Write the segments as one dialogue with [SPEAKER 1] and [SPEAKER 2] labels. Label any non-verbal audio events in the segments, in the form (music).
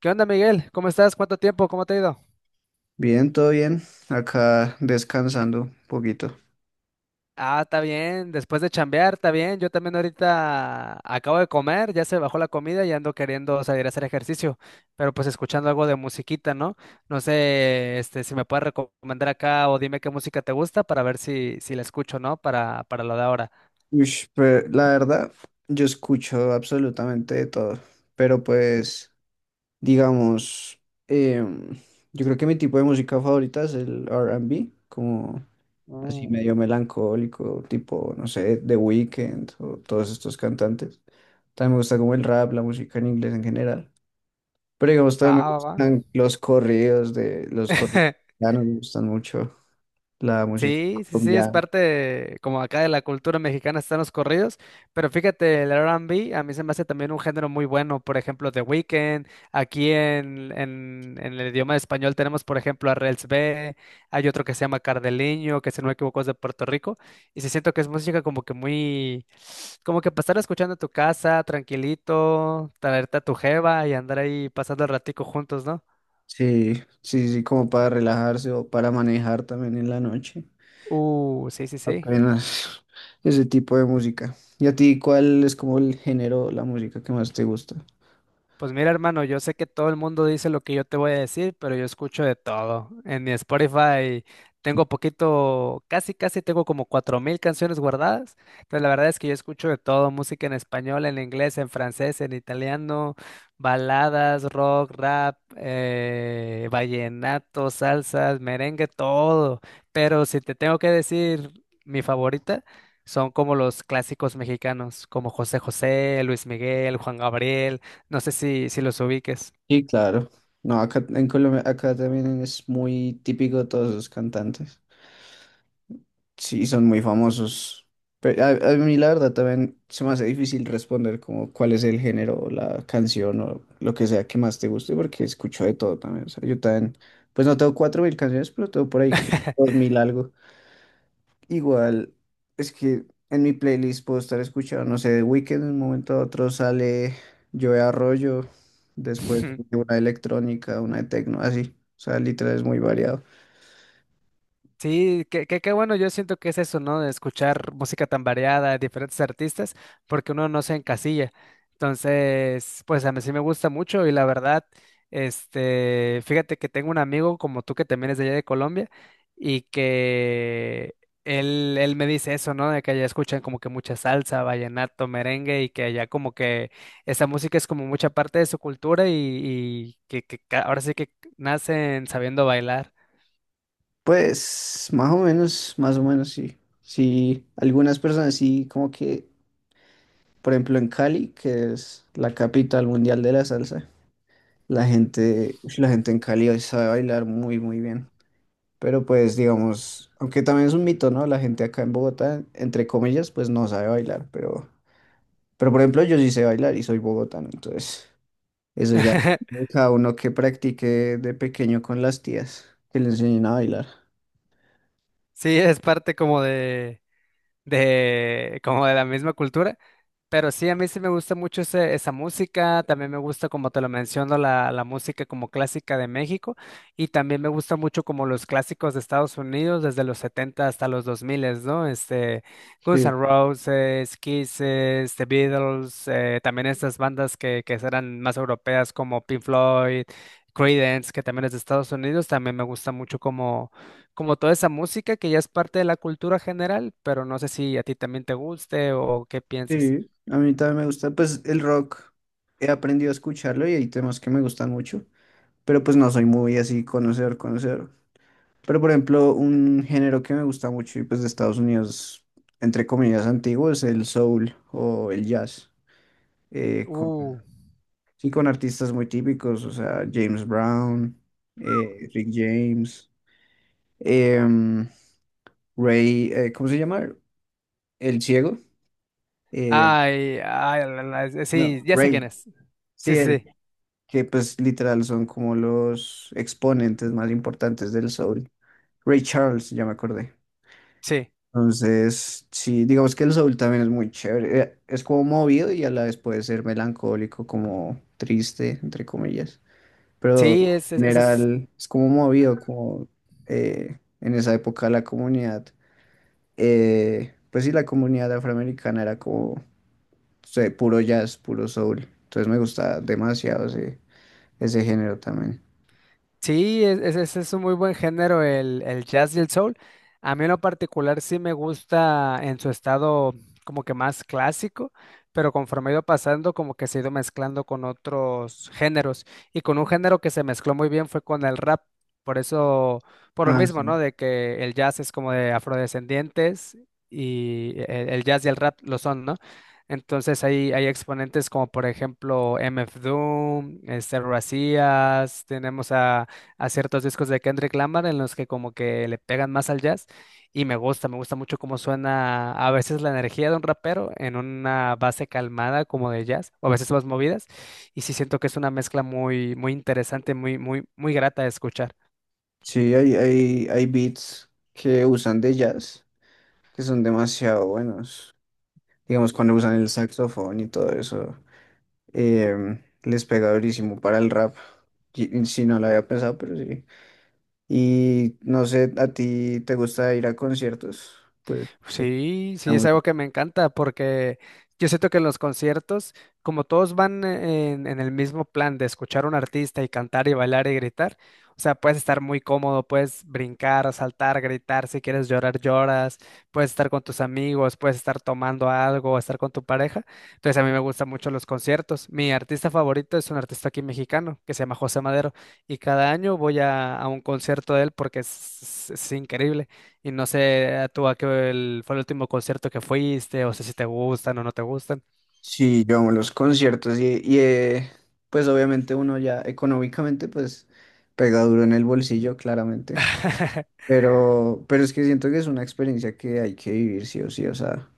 [SPEAKER 1] ¿Qué onda, Miguel? ¿Cómo estás? ¿Cuánto tiempo? ¿Cómo te ha ido?
[SPEAKER 2] Bien, todo bien. Acá descansando un poquito.
[SPEAKER 1] Ah, está bien. Después de chambear, está bien. Yo también ahorita acabo de comer, ya se bajó la comida y ando queriendo salir a hacer ejercicio, pero pues escuchando algo de musiquita, ¿no? No sé, este, si me puedes recomendar acá o dime qué música te gusta para ver si la escucho, ¿no? Para lo de ahora.
[SPEAKER 2] Ush, pero la verdad, yo escucho absolutamente de todo. Pero pues, digamos, em, yo creo que mi tipo de música favorita es el R&B, como así
[SPEAKER 1] Uh,
[SPEAKER 2] medio melancólico, tipo, no sé, The Weeknd o todos estos cantantes. También me gusta como el rap, la música en inglés en general. Pero digamos,
[SPEAKER 1] va,
[SPEAKER 2] también me
[SPEAKER 1] va, va.
[SPEAKER 2] gustan los corridos,
[SPEAKER 1] (laughs)
[SPEAKER 2] mexicanos, me gustan mucho la música
[SPEAKER 1] Sí, sí, sí, es
[SPEAKER 2] colombiana.
[SPEAKER 1] parte de- como acá de la cultura mexicana están los corridos, pero fíjate, el R&B a mí se me hace también un género muy bueno, por ejemplo, The Weeknd, aquí en el idioma español tenemos, por ejemplo, a Rels B, hay otro que se llama Cardeliño, que si no me equivoco es de Puerto Rico, y sí siento que es música como que muy, como que pasar escuchando en tu casa, tranquilito, traerte a tu jeva y andar ahí pasando el ratico juntos, ¿no?
[SPEAKER 2] Sí, sí, sí, como para relajarse o para manejar también en la noche.
[SPEAKER 1] Sí, sí, sí.
[SPEAKER 2] Apenas (laughs) ese tipo de música. ¿Y a ti cuál es como el género, la música que más te gusta?
[SPEAKER 1] Pues mira, hermano, yo sé que todo el mundo dice lo que yo te voy a decir, pero yo escucho de todo. En mi Spotify tengo poquito, casi, casi tengo como 4000 canciones guardadas. Entonces, la verdad es que yo escucho de todo, música en español, en inglés, en francés, en italiano, baladas, rock, rap, vallenato, salsas, merengue, todo. Pero si te tengo que decir mi favorita, son como los clásicos mexicanos, como José José, Luis Miguel, Juan Gabriel. No sé si los ubiques.
[SPEAKER 2] Sí, claro. No, acá en Colombia, acá también es muy típico todos los cantantes. Sí, son muy famosos. Pero a mí la verdad también se me hace difícil responder como cuál es el género, o la canción o lo que sea que más te guste, porque escucho de todo también. O sea, yo también, pues no tengo 4000 canciones, pero tengo por ahí que 2000 algo. Igual, es que en mi playlist puedo estar escuchando, no sé, de Weeknd. De un momento a otro sale Joe Arroyo, después
[SPEAKER 1] (laughs)
[SPEAKER 2] una de electrónica, una de tecno, así. O sea, literal es muy variado.
[SPEAKER 1] Sí, qué bueno, yo siento que es eso, ¿no? De escuchar música tan variada de diferentes artistas, porque uno no se encasilla. Entonces, pues a mí sí me gusta mucho y la verdad, este, fíjate que tengo un amigo como tú que también es de allá de Colombia y que él me dice eso, ¿no? De que allá escuchan como que mucha salsa, vallenato, merengue y que allá como que esa música es como mucha parte de su cultura y que ca- ahora sí que nacen sabiendo bailar.
[SPEAKER 2] Pues más o menos sí. Sí, algunas personas sí, como que, por ejemplo, en Cali, que es la capital mundial de la salsa, la gente, ush, la gente en Cali hoy sabe bailar muy, muy bien. Pero pues, digamos, aunque también es un mito, ¿no? La gente acá en Bogotá, entre comillas, pues no sabe bailar, pero por ejemplo, yo sí sé bailar y soy bogotano, entonces eso ya
[SPEAKER 1] (laughs)
[SPEAKER 2] cada uno que practique de pequeño con las tías, que le enseñen a bailar.
[SPEAKER 1] Sí, es parte como de, como de la misma cultura. Pero sí, a mí sí me gusta mucho ese- esa música, también me gusta, como te lo menciono, la música como clásica de México y también me gusta mucho como los clásicos de Estados Unidos, desde los 70 hasta los 2000, ¿no? Este, Guns N'
[SPEAKER 2] Sí.
[SPEAKER 1] Roses, Kisses, The Beatles, también estas bandas que eran más europeas como Pink Floyd, Creedence, que también es de Estados Unidos, también me gusta mucho como, como toda esa música que ya es parte de la cultura general, pero no sé si a ti también te guste o qué pienses.
[SPEAKER 2] Sí, a mí también me gusta, pues el rock he aprendido a escucharlo y hay temas que me gustan mucho, pero pues no soy muy así conocer, conocer. Pero por ejemplo, un género que me gusta mucho y pues de Estados Unidos, entre comillas, antiguo es el soul o el jazz, con,
[SPEAKER 1] Uh,
[SPEAKER 2] sí, con artistas muy típicos, o sea, James Brown, Rick James, em, Ray, ¿cómo se llama? El ciego, eh,
[SPEAKER 1] ay, ay, sí,
[SPEAKER 2] no,
[SPEAKER 1] ya sé quién
[SPEAKER 2] Ray,
[SPEAKER 1] es. Sí,
[SPEAKER 2] sí,
[SPEAKER 1] sí,
[SPEAKER 2] que pues literal son como los exponentes más importantes del soul. Ray Charles, ya me acordé.
[SPEAKER 1] sí. Sí,
[SPEAKER 2] Entonces, sí, digamos que el soul también es muy chévere. Es como movido y a la vez puede ser melancólico, como triste, entre comillas. Pero en
[SPEAKER 1] sí,
[SPEAKER 2] general es como movido, como en esa época la comunidad, pues sí, la comunidad afroamericana era como sí, puro jazz, puro soul. Entonces me gusta demasiado ese, ese género también.
[SPEAKER 1] Sí, es- ese es un muy buen género, el jazz y el soul. A mí en lo particular sí me gusta en su estado como que más clásico, pero conforme ha ido pasando como que se ha ido mezclando con otros géneros. Y con un género que se mezcló muy bien fue con el rap. Por eso, por lo
[SPEAKER 2] Ah, sí.
[SPEAKER 1] mismo, ¿no? De que el jazz es como de afrodescendientes y el jazz y el rap lo son, ¿no? Entonces hay exponentes como por ejemplo MF Doom, este Razías, tenemos a ciertos discos de Kendrick Lamar en los que como que le pegan más al jazz y me gusta mucho cómo suena a veces la energía de un rapero en una base calmada como de jazz o a veces más movidas y sí siento que es una mezcla muy muy interesante, muy muy muy grata de escuchar.
[SPEAKER 2] Sí, hay beats que usan de jazz, que son demasiado buenos. Digamos, cuando usan el saxofón y todo eso, les pega durísimo para el rap. Y si no lo había pensado, pero sí. Y no sé, ¿a ti te gusta ir a conciertos? Pues
[SPEAKER 1] Sí, sí, es
[SPEAKER 2] amo-
[SPEAKER 1] algo que me encanta porque yo siento que en los conciertos, como todos van en el mismo plan de escuchar a un artista y cantar y bailar y gritar, o sea, puedes estar muy cómodo, puedes brincar, saltar, gritar, si quieres llorar, lloras, puedes estar con tus amigos, puedes estar tomando algo, estar con tu pareja. Entonces a mí me gustan mucho los conciertos. Mi artista favorito es un artista aquí mexicano que se llama José Madero y cada año voy a un concierto de él porque es es increíble. Y no sé tú a qué fue el último concierto que fuiste, o sé si te gustan o no te gustan.
[SPEAKER 2] sí, yo amo los conciertos y pues obviamente uno ya económicamente pues pega duro en el bolsillo, claramente. Pero es que siento que es una experiencia que hay que vivir sí o sí, o sea,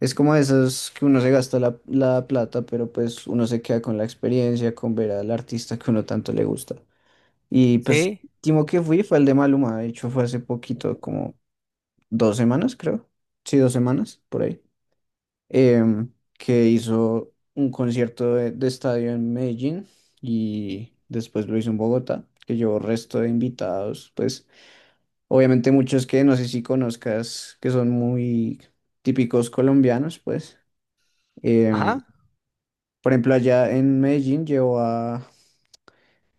[SPEAKER 2] es como de esas que uno se gasta la, la plata, pero pues uno se queda con la experiencia, con ver al artista que uno tanto le gusta. Y pues,
[SPEAKER 1] Sí,
[SPEAKER 2] último que fui fue el de Maluma, de hecho fue hace poquito, como dos semanas, creo. Sí, dos semanas, por ahí. em, que hizo un concierto de estadio en Medellín y después lo hizo en Bogotá, que llevó resto de invitados, pues. Obviamente muchos que no sé si conozcas, que son muy típicos colombianos, pues. Em,
[SPEAKER 1] ajá.
[SPEAKER 2] por ejemplo, allá en Medellín llevo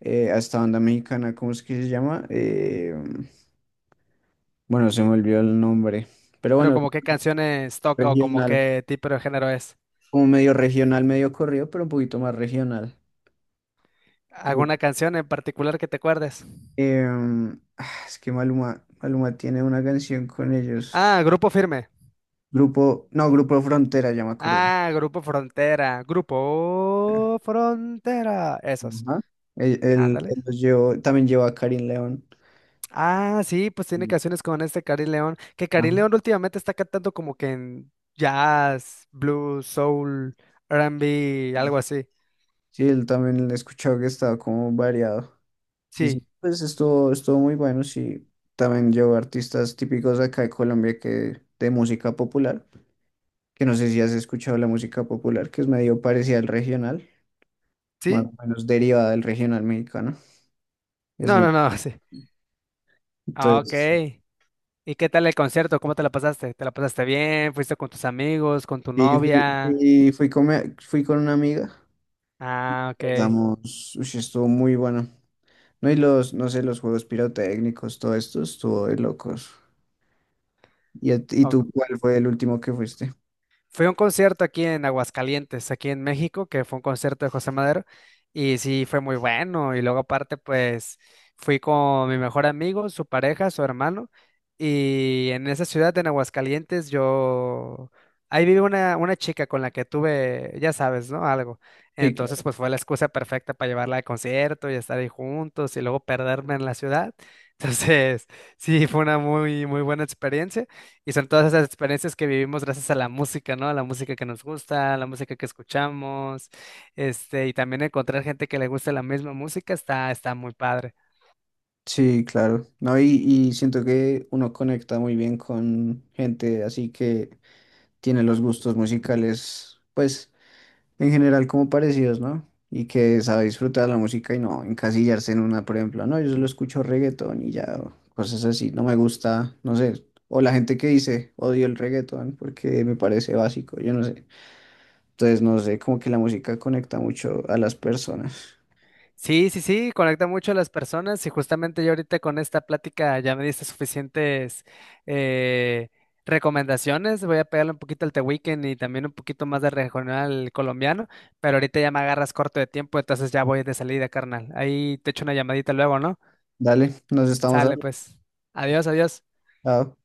[SPEAKER 2] a esta banda mexicana, ¿cómo es que se llama? Bueno, se me olvidó el nombre, pero
[SPEAKER 1] Pero
[SPEAKER 2] bueno,
[SPEAKER 1] como qué canciones toca o como
[SPEAKER 2] regional,
[SPEAKER 1] qué tipo de género es.
[SPEAKER 2] como medio regional, medio corrido, pero un poquito más regional. Que,
[SPEAKER 1] ¿Alguna canción en particular que te acuerdes?
[SPEAKER 2] ah, es que Maluma, Maluma tiene una canción con ellos.
[SPEAKER 1] Ah, Grupo Firme.
[SPEAKER 2] Grupo, no, Grupo Frontera, ya me acordé.
[SPEAKER 1] Ah, Grupo Frontera. Grupo Frontera. Esos.
[SPEAKER 2] Ajá. Él, él-
[SPEAKER 1] Ándale.
[SPEAKER 2] él los llevó, también llevó a Karim León.
[SPEAKER 1] Ah, sí, pues tiene
[SPEAKER 2] Mm.
[SPEAKER 1] canciones con este Cari León. Que Cari
[SPEAKER 2] Ajá.
[SPEAKER 1] León últimamente está cantando como que en jazz, blues, soul, R&B, algo así.
[SPEAKER 2] Sí, él también he escuchado que estaba como variado. Y sí,
[SPEAKER 1] Sí.
[SPEAKER 2] pues estuvo, estuvo muy bueno, sí. También llevó artistas típicos acá de Colombia que de música popular, que no sé si has escuchado la música popular, que es medio parecida al regional, más o
[SPEAKER 1] Sí,
[SPEAKER 2] menos derivada del regional mexicano. Es
[SPEAKER 1] no,
[SPEAKER 2] muy
[SPEAKER 1] no, no, (laughs)
[SPEAKER 2] bueno.
[SPEAKER 1] sí. Ah, ok.
[SPEAKER 2] Entonces,
[SPEAKER 1] ¿Y qué tal el concierto? ¿Cómo te la pasaste? ¿Te la pasaste bien? ¿Fuiste con tus amigos, con tu
[SPEAKER 2] y fui,
[SPEAKER 1] novia?
[SPEAKER 2] fui con, fui con una amiga,
[SPEAKER 1] Ah, ok.
[SPEAKER 2] pasamos, uy, estuvo muy bueno. No, y los, no sé, los juegos pirotécnicos, todo esto estuvo de locos. ¿Y, y
[SPEAKER 1] Ok.
[SPEAKER 2] tú cuál fue el último que fuiste?
[SPEAKER 1] Fui a un concierto aquí en Aguascalientes, aquí en México, que fue un concierto de José Madero, y sí, fue muy bueno. Y luego aparte, pues fui con mi mejor amigo, su pareja, su hermano, y en esa ciudad, en Aguascalientes, yo... Ahí vive una chica con la que tuve, ya sabes, ¿no? Algo.
[SPEAKER 2] Sí, claro.
[SPEAKER 1] Entonces, pues fue la excusa perfecta para llevarla al concierto y estar ahí juntos y luego perderme en la ciudad. (laughs) Entonces, sí, fue una muy, muy buena experiencia. Y son todas esas experiencias que vivimos gracias a la música, ¿no? A la música que nos gusta, a la música que escuchamos, este, y también encontrar gente que le guste la misma música está, está muy padre.
[SPEAKER 2] Sí, claro. No, y siento que uno conecta muy bien con gente así que tiene los gustos musicales, pues, en general como parecidos, ¿no? Y que sabe disfrutar la música y no encasillarse en una, por ejemplo, no, yo solo escucho reggaetón y ya, o cosas así, no me gusta, no sé. O la gente que dice, odio el reggaetón porque me parece básico, yo no sé. Entonces, no sé, como que la música conecta mucho a las personas.
[SPEAKER 1] Sí, sí, sí, conecta mucho a las personas y justamente yo ahorita con esta plática ya me diste suficientes eh, recomendaciones. Voy a pegarle un poquito al The Weeknd y también un poquito más de regional colombiano, pero ahorita ya me agarras corto de tiempo, entonces ya voy de salida, carnal. Ahí te echo una llamadita luego, ¿no?
[SPEAKER 2] Dale, nos estamos
[SPEAKER 1] Sale,
[SPEAKER 2] hablando.
[SPEAKER 1] pues. Adiós, adiós.
[SPEAKER 2] Chao.